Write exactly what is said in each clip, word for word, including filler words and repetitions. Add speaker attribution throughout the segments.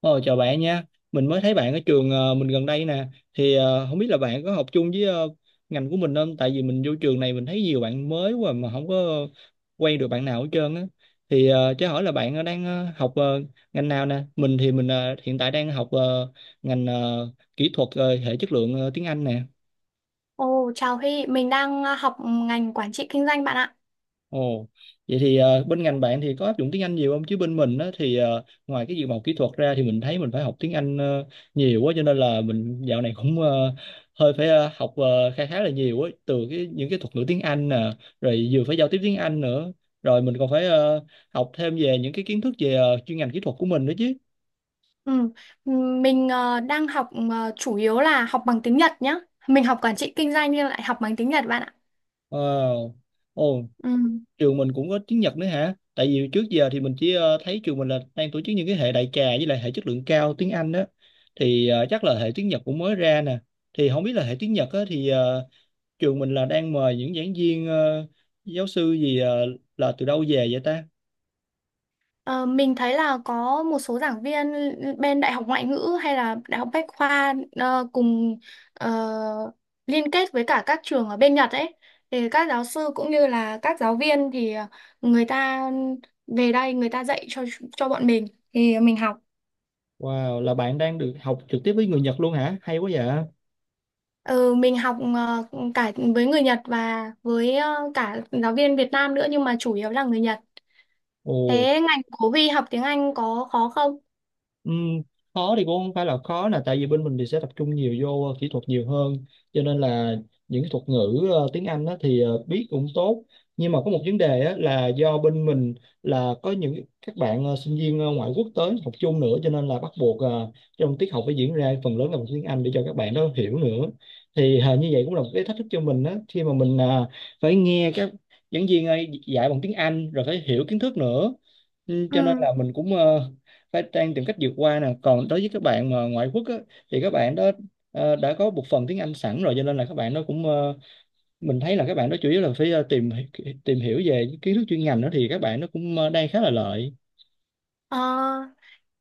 Speaker 1: Ờ, Chào bạn nha. Mình mới thấy bạn ở trường, ờ, mình gần đây nè. Thì ờ, không biết là bạn có học chung với, ờ, ngành của mình không? Tại vì mình vô trường này mình thấy nhiều bạn mới quá mà không có quen được bạn nào hết trơn á. Thì ờ, cho hỏi là bạn ờ, đang ờ, học ờ, ngành nào nè? Mình thì mình ờ, hiện tại đang học ờ, ngành ờ, kỹ thuật ờ, hệ chất lượng ờ, tiếng Anh nè.
Speaker 2: Ồ, chào Huy, mình đang ờ, học ngành quản trị kinh doanh bạn ạ.
Speaker 1: Ồ, vậy thì ờ, bên ngành bạn thì có áp dụng tiếng Anh nhiều không? Chứ bên mình á, thì ờ, ngoài cái dự màu kỹ thuật ra thì mình thấy mình phải học tiếng Anh ờ, nhiều quá, cho nên là mình dạo này cũng ờ, hơi phải ờ, học ờ, khá khá là nhiều á, từ cái những cái thuật ngữ tiếng Anh nè, rồi vừa phải giao tiếp tiếng Anh nữa, rồi mình còn phải ờ, học thêm về những cái kiến thức về ờ, chuyên ngành kỹ thuật của mình nữa chứ.
Speaker 2: Ừ, ừ, mình ờ, đang học ờ, chủ yếu là học bằng tiếng Nhật nhá. Mình học quản trị kinh doanh nhưng lại học bằng tiếng Nhật bạn ạ.
Speaker 1: Wow. Ồ,
Speaker 2: Ừ.
Speaker 1: trường mình cũng có tiếng Nhật nữa hả? Tại vì trước giờ thì mình chỉ ờ, thấy trường mình là đang tổ chức những cái hệ đại trà với lại hệ chất lượng cao tiếng Anh đó. Thì ờ, chắc là hệ tiếng Nhật cũng mới ra nè. Thì không biết là hệ tiếng Nhật á, thì ờ, trường mình là đang mời những giảng viên, ờ, giáo sư gì ờ, là từ đâu về vậy ta?
Speaker 2: Ờ, mình thấy là có một số giảng viên bên Đại học Ngoại ngữ hay là Đại học Bách khoa ờ, cùng ờ, liên kết với cả các trường ở bên Nhật ấy. Thì các giáo sư cũng như là các giáo viên thì ờ, người ta về đây người ta dạy cho cho bọn mình thì mình học.
Speaker 1: Wow, là bạn đang được học trực tiếp với người Nhật luôn hả? Hay quá vậy.
Speaker 2: Ừ, mình học ờ, cả với người Nhật và với ờ, cả giáo viên Việt Nam nữa nhưng mà chủ yếu là người Nhật.
Speaker 1: Ồ.
Speaker 2: Thế ngành của Huy học tiếng Anh có khó không?
Speaker 1: Ừm, Khó thì cũng không phải là khó, là tại vì bên mình thì sẽ tập trung nhiều vô ờ, kỹ thuật nhiều hơn, cho nên là những cái thuật ngữ ờ, tiếng Anh á, thì ờ, biết cũng tốt, nhưng mà có một vấn đề á, là do bên mình là có những các bạn ờ, sinh viên ờ, ngoại quốc tới học chung nữa, cho nên là bắt buộc ờ, trong tiết học phải diễn ra phần lớn là bằng tiếng Anh để cho các bạn đó hiểu nữa. Thì ờ, như vậy cũng là một cái thách thức cho mình á, khi mà mình ờ, phải nghe các giảng viên ấy dạy bằng tiếng Anh rồi phải hiểu kiến thức nữa. Ừ, cho nên
Speaker 2: Ừ.
Speaker 1: là mình cũng ờ, phải trang tìm cách vượt qua nè, còn đối với các bạn mà ngoại quốc á, thì các bạn đó ờ, đã có một phần tiếng Anh sẵn rồi, cho nên là các bạn đó cũng ờ, mình thấy là các bạn đó chủ yếu là phải ờ, tìm tìm hiểu về kiến thức chuyên ngành đó, thì các bạn nó cũng ờ, đang khá là lợi.
Speaker 2: Ờ,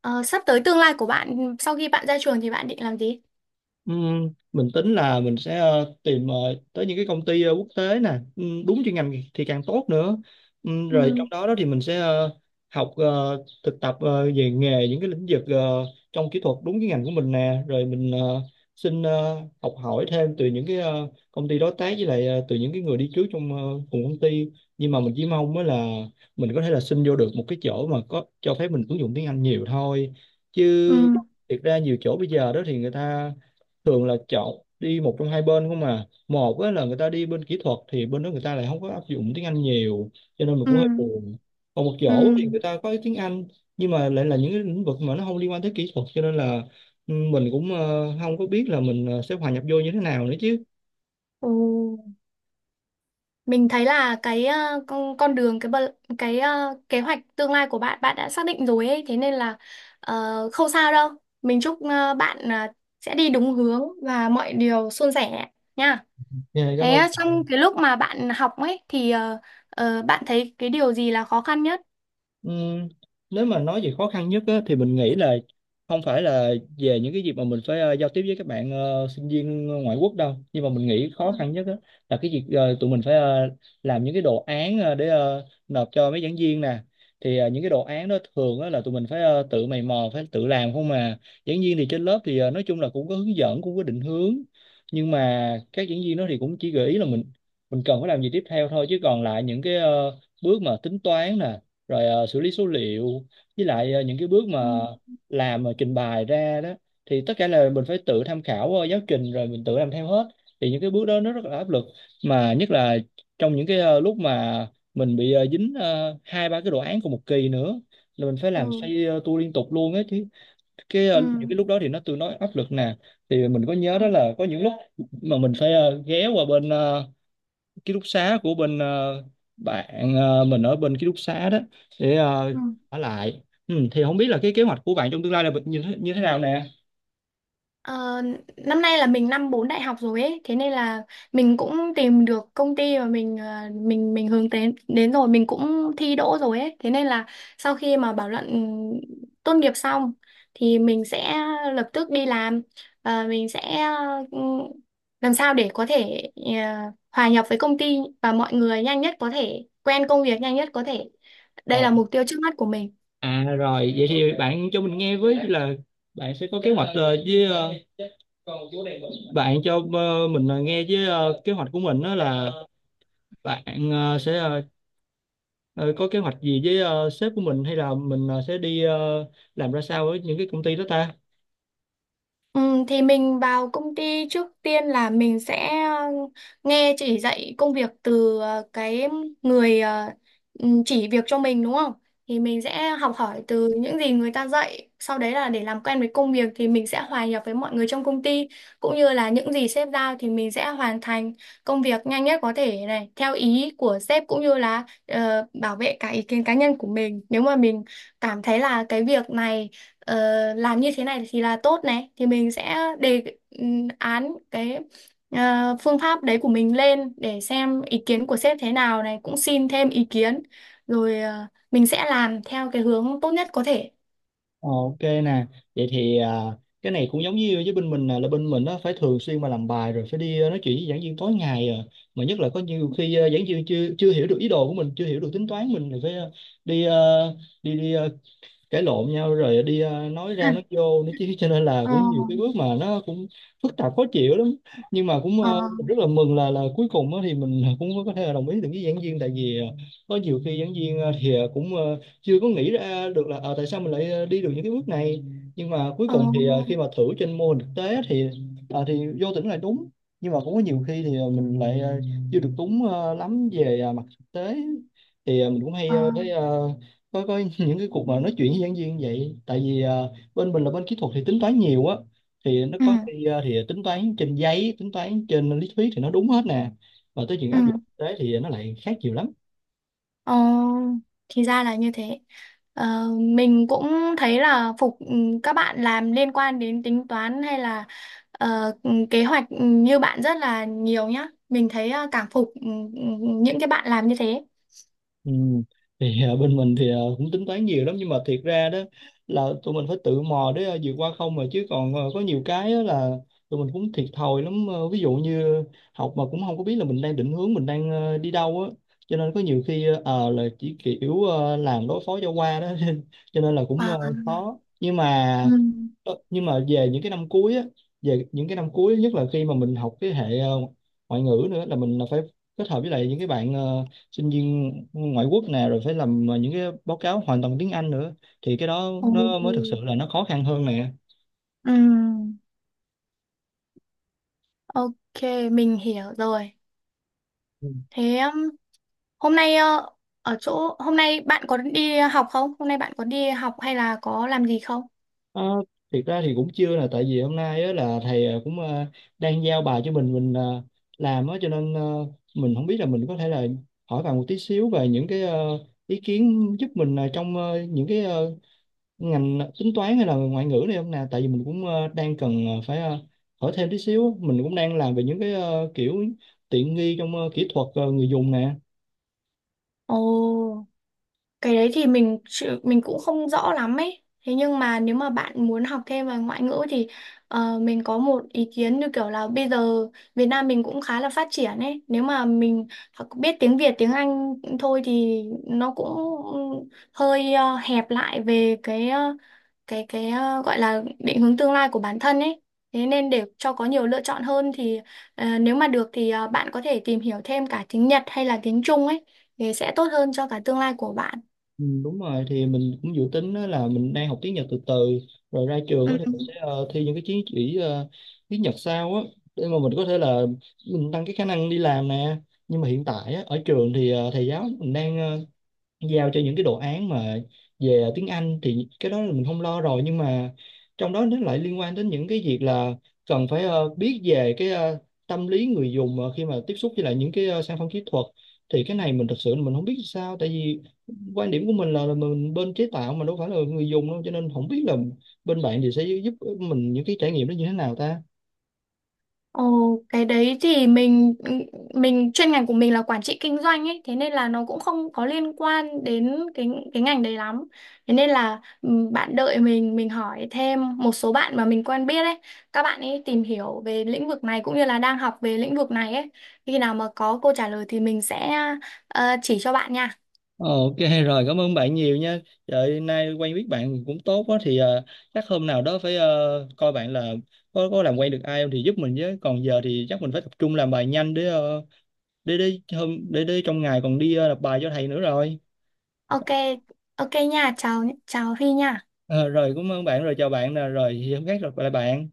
Speaker 2: ờ, sắp tới tương lai của bạn sau khi bạn ra trường thì bạn định làm gì?
Speaker 1: Ừm, mình tính là mình sẽ ờ, tìm ờ, tới những cái công ty ờ, quốc tế nè, ừm, đúng chuyên ngành thì càng tốt nữa. Ừm, rồi
Speaker 2: Ừ.
Speaker 1: trong đó đó thì mình sẽ ờ, học ờ, thực tập ờ, về nghề những cái lĩnh vực ờ, trong kỹ thuật đúng cái ngành của mình nè, rồi mình ờ, xin ờ, học hỏi thêm từ những cái ờ, công ty đối tác, với lại ờ, từ những cái người đi trước trong ờ, cùng công ty. Nhưng mà mình chỉ mong mới là mình có thể là xin vô được một cái chỗ mà có cho phép mình ứng dụng tiếng Anh nhiều thôi.
Speaker 2: Ừ.
Speaker 1: Chứ thiệt ra nhiều chỗ bây giờ đó thì người ta thường là chọn đi một trong hai bên không mà, một á là người ta đi bên kỹ thuật thì bên đó người ta lại không có áp dụng tiếng Anh nhiều, cho nên mình
Speaker 2: Ừ.
Speaker 1: cũng hơi buồn. Còn một chỗ
Speaker 2: Ừ.
Speaker 1: thì người ta có tiếng Anh, nhưng mà lại là những cái lĩnh vực mà nó không liên quan tới kỹ thuật, cho nên là ừ, mình cũng ờ, không có biết là mình ờ, sẽ hòa nhập vô như thế nào nữa chứ.
Speaker 2: Ừ. Mình thấy là cái ờ, con con đường cái bờ- cái ờ, kế hoạch tương lai của bạn bạn đã xác định rồi ấy, thế nên là ờ, không sao đâu. Mình chúc ờ, bạn ờ, sẽ đi đúng hướng và mọi điều suôn sẻ nha.
Speaker 1: Dạ, cảm
Speaker 2: Thế
Speaker 1: ơn.
Speaker 2: ờ, trong cái lúc mà bạn học ấy thì ờ, ờ, bạn thấy cái điều gì là khó khăn nhất?
Speaker 1: Ừm, Nếu mà nói về khó khăn nhất á, thì mình nghĩ là không phải là về những cái việc mà mình phải ờ, giao tiếp với các bạn ờ, sinh viên ngoại quốc đâu, nhưng mà mình nghĩ
Speaker 2: Ừ.
Speaker 1: khó khăn nhất á, là cái việc ờ, tụi mình phải ờ, làm những cái đồ án ờ, để ờ, nộp cho mấy giảng viên nè. Thì ờ, những cái đồ án đó thường á, là tụi mình phải ờ, tự mày mò phải tự làm không mà. Giảng viên thì trên lớp thì ờ, nói chung là cũng có hướng dẫn cũng có định hướng, nhưng mà các giảng viên đó thì cũng chỉ gợi ý là mình mình cần phải làm gì tiếp theo thôi, chứ còn lại những cái ờ, bước mà tính toán nè, rồi ờ, xử lý số liệu, với lại ờ, những cái bước
Speaker 2: Ừ.
Speaker 1: mà làm ờ, trình bày ra đó, thì tất cả là mình phải tự tham khảo ờ, giáo trình rồi mình tự làm theo hết. Thì những cái bước đó nó rất là áp lực, mà nhất là trong những cái ờ, lúc mà mình bị ờ, dính ờ, hai ba cái đồ án cùng một kỳ nữa, là mình phải làm
Speaker 2: Ừ.
Speaker 1: xoay ờ, tua liên tục luôn á chứ. Cái ờ,
Speaker 2: Ừ.
Speaker 1: những cái lúc đó thì nó tương đối áp lực nè. Thì mình có nhớ
Speaker 2: Ừ.
Speaker 1: đó là có những lúc mà mình phải ờ, ghé qua bên ờ, ký túc xá của bên ờ, bạn, ờ, mình ở bên ký túc xá đó để ờ,
Speaker 2: Ừ.
Speaker 1: ở lại. ừ, thì không biết là cái kế hoạch của bạn trong tương lai là như thế, như thế nào nè.
Speaker 2: Ờ, năm nay là mình năm bốn đại học rồi ấy, thế nên là mình cũng tìm được công ty mà mình ờ, mình mình hướng đến đến rồi, mình cũng thi đỗ rồi ấy, thế nên là sau khi mà bảo luận tốt nghiệp xong thì mình sẽ lập tức đi làm và mình sẽ ừ, làm sao để có thể ờ, hòa nhập với công ty và mọi người nhanh nhất có thể, quen công việc nhanh nhất có thể.
Speaker 1: Ờ.
Speaker 2: Đây là mục tiêu trước mắt của mình.
Speaker 1: À rồi vậy thì bạn cho mình nghe với là bạn sẽ có kế hoạch ờ, với ờ, bạn cho ờ, mình ờ, nghe với ờ, kế hoạch của mình đó là bạn ờ, sẽ ờ, ờ, có kế hoạch gì với ờ, sếp của mình, hay là mình ờ, sẽ đi ờ, làm ra sao với những cái công ty đó ta?
Speaker 2: Ừ, thì mình vào công ty trước tiên là mình sẽ ờ, nghe chỉ dạy công việc từ ờ, cái người ờ, ừ, chỉ việc cho mình đúng không? Thì mình sẽ học hỏi từ những gì người ta dạy. Sau đấy là để làm quen với công việc thì mình sẽ hòa nhập với mọi người trong công ty cũng như là những gì sếp giao thì mình sẽ hoàn thành công việc nhanh nhất có thể này theo ý của sếp cũng như là ờ, bảo vệ cả ý kiến cá nhân của mình. Nếu mà mình cảm thấy là cái việc này ờ, làm như thế này thì là tốt này thì mình sẽ đề ừm, án cái ờ, phương pháp đấy của mình lên để xem ý kiến của sếp thế nào này cũng xin thêm ý kiến rồi ờ, mình sẽ làm theo cái hướng tốt nhất có thể.
Speaker 1: Ờ, Ok nè, vậy thì à, cái này cũng giống như với bên mình, là, là bên mình á, phải thường xuyên mà làm bài, rồi phải đi à, nói chuyện với giảng viên tối ngày à. Mà nhất là có nhiều khi à, giảng viên chưa chưa hiểu được ý đồ của mình, chưa hiểu được tính toán mình, thì phải à, đi à, đi đi à, cãi lộn nhau, rồi đi ờ, nói
Speaker 2: Ừ.
Speaker 1: ra nói vô nữa chứ, cho nên là
Speaker 2: Ờ,
Speaker 1: cũng nhiều cái bước mà nó cũng phức tạp khó chịu lắm. Nhưng mà cũng
Speaker 2: ờ,
Speaker 1: ờ, mình rất là mừng là là cuối cùng á thì mình cũng có thể là đồng ý được với giảng viên, tại vì ờ, có nhiều khi giảng viên ờ, thì ờ, cũng ờ, chưa có nghĩ ra được là ờ, tại sao mình lại ờ, đi được những cái bước này, nhưng mà cuối
Speaker 2: ờ,
Speaker 1: cùng thì ờ, khi mà thử trên mô hình thực tế thì ờ, thì vô tình là đúng. Nhưng mà cũng có nhiều khi thì ờ, mình lại ờ, chưa được đúng ờ, lắm về ờ, mặt thực tế, thì ờ, mình cũng hay
Speaker 2: ờ.
Speaker 1: ờ, thấy ờ, coi coi những cái cuộc mà nói chuyện với giảng viên vậy. Tại vì ờ, bên mình là bên kỹ thuật thì tính toán nhiều á, thì nó
Speaker 2: Ừ,
Speaker 1: có khi ờ, thì tính toán trên giấy, tính toán trên lý thuyết thì nó đúng hết nè, mà tới chuyện
Speaker 2: ừ.
Speaker 1: áp dụng thực tế thì nó lại khác nhiều lắm.
Speaker 2: Ờ, thì ra là như thế. Ờ, mình cũng thấy là phục ừ, các bạn làm liên quan đến tính toán hay là ờ, ừ, kế hoạch ừ, như bạn rất là nhiều nhá. Mình thấy ờ, cảm phục ừ, ừ, những cái bạn làm như thế.
Speaker 1: Ừ. Thì ờ, bên mình thì ờ, cũng tính toán nhiều lắm, nhưng mà thiệt ra đó là tụi mình phải tự mò để ờ, vượt qua không mà, chứ còn ờ, có nhiều cái á, là tụi mình cũng thiệt thòi lắm. Ờ, ví dụ như học mà cũng không có biết là mình đang định hướng, mình đang ờ, đi đâu á, cho nên có nhiều khi ờ, ờ, là chỉ kiểu ờ, làm đối phó cho qua đó cho nên là cũng
Speaker 2: À,
Speaker 1: ờ, khó, nhưng
Speaker 2: ừ,
Speaker 1: mà. Ờ, nhưng mà về những cái năm cuối á, về những cái năm cuối nhất là khi mà mình học cái hệ ờ, ngoại ngữ nữa, là mình là phải kết hợp với lại những cái bạn ờ, sinh viên ngoại quốc nè, rồi phải làm ờ, những cái báo cáo hoàn toàn tiếng Anh nữa, thì cái đó nó mới thực
Speaker 2: ừ,
Speaker 1: sự là nó khó khăn hơn nè.
Speaker 2: ừ, ok, mình hiểu rồi.
Speaker 1: Ừ.
Speaker 2: Thế um, hôm nay ờ, ở chỗ hôm nay bạn có đi học không? Hôm nay bạn có đi học hay là có làm gì không?
Speaker 1: Ờ, thiệt ra thì cũng chưa, là tại vì hôm nay á, là thầy ờ, cũng ờ, đang giao bài cho mình mình ờ, làm á, cho nên ờ, mình không biết là mình có thể là hỏi bạn một tí xíu về những cái ờ, ý kiến, giúp mình ờ, trong ờ, những cái ờ, ngành tính toán hay là ngoại ngữ này không nè, tại vì mình cũng ờ, đang cần ờ, phải ờ, hỏi thêm tí xíu á. Mình cũng đang làm về những cái ờ, kiểu tiện nghi trong ờ, kỹ thuật ờ, người dùng nè.
Speaker 2: Ồ. Cái đấy thì mình chữ- mình cũng không rõ lắm ấy. Thế nhưng mà nếu mà bạn muốn học thêm về ngoại ngữ thì ờ, mình có một ý kiến như kiểu là bây giờ Việt Nam mình cũng khá là phát triển ấy. Nếu mà mình học- biết tiếng Việt, tiếng Anh thôi thì nó cũng hơi ờ, hẹp lại về cái ờ, cái cái ờ, gọi là định hướng tương lai của bản thân ấy. Thế nên để cho có nhiều lựa chọn hơn thì ờ, nếu mà được thì ờ, bạn có thể tìm hiểu thêm cả tiếng Nhật hay là tiếng Trung ấy thì sẽ tốt hơn cho cả tương lai của bạn.
Speaker 1: Ừ, đúng rồi, thì mình cũng dự tính á là mình đang học tiếng Nhật từ từ, rồi ra
Speaker 2: Ừ.
Speaker 1: trường á thì mình sẽ ờ, thi những cái chứng chỉ ờ, tiếng Nhật sau á, để mà mình có thể là mình tăng cái khả năng đi làm nè. Nhưng mà hiện tại á, ở trường thì ờ, thầy giáo mình đang ờ, giao cho những cái đồ án mà về tiếng Anh thì cái đó là mình không lo rồi, nhưng mà trong đó nó lại liên quan đến những cái việc là cần phải ờ, biết về cái ờ, tâm lý người dùng ờ, khi mà tiếp xúc với lại những cái ờ, sản phẩm kỹ thuật. Thì cái này mình thật sự mình không biết sao, tại vì quan điểm của mình là, là mình bên chế tạo mà đâu phải là người dùng đâu, cho nên không biết là bên bạn thì sẽ giúp mình những cái trải nghiệm đó như thế nào ta?
Speaker 2: Ồ, cái đấy thì mình mình chuyên ngành của mình là quản trị kinh doanh ấy, thế nên là nó cũng không có liên quan đến cái cái ngành đấy lắm. Thế nên là ừ, bạn đợi mình mình hỏi thêm một số bạn mà mình quen biết ấy, các bạn ấy tìm hiểu về lĩnh vực này cũng như là đang học về lĩnh vực này ấy. Khi nào mà có câu trả lời thì mình sẽ ờ, chỉ cho bạn nha.
Speaker 1: Ờ, Ok, rồi cảm ơn bạn nhiều nha. Trời nay quen biết bạn cũng tốt quá, thì ờ, chắc hôm nào đó phải ờ, coi bạn là có có làm quen được ai không thì giúp mình với. Còn giờ thì chắc mình phải tập trung làm bài nhanh, để ờ, để để hôm để để trong ngày còn đi ờ, nộp bài cho thầy nữa rồi.
Speaker 2: Ok, ok nha, chào chào Huy nha.
Speaker 1: Ờ, rồi cảm ơn bạn, rồi chào bạn nè, rồi thì hôm khác gặp lại bạn.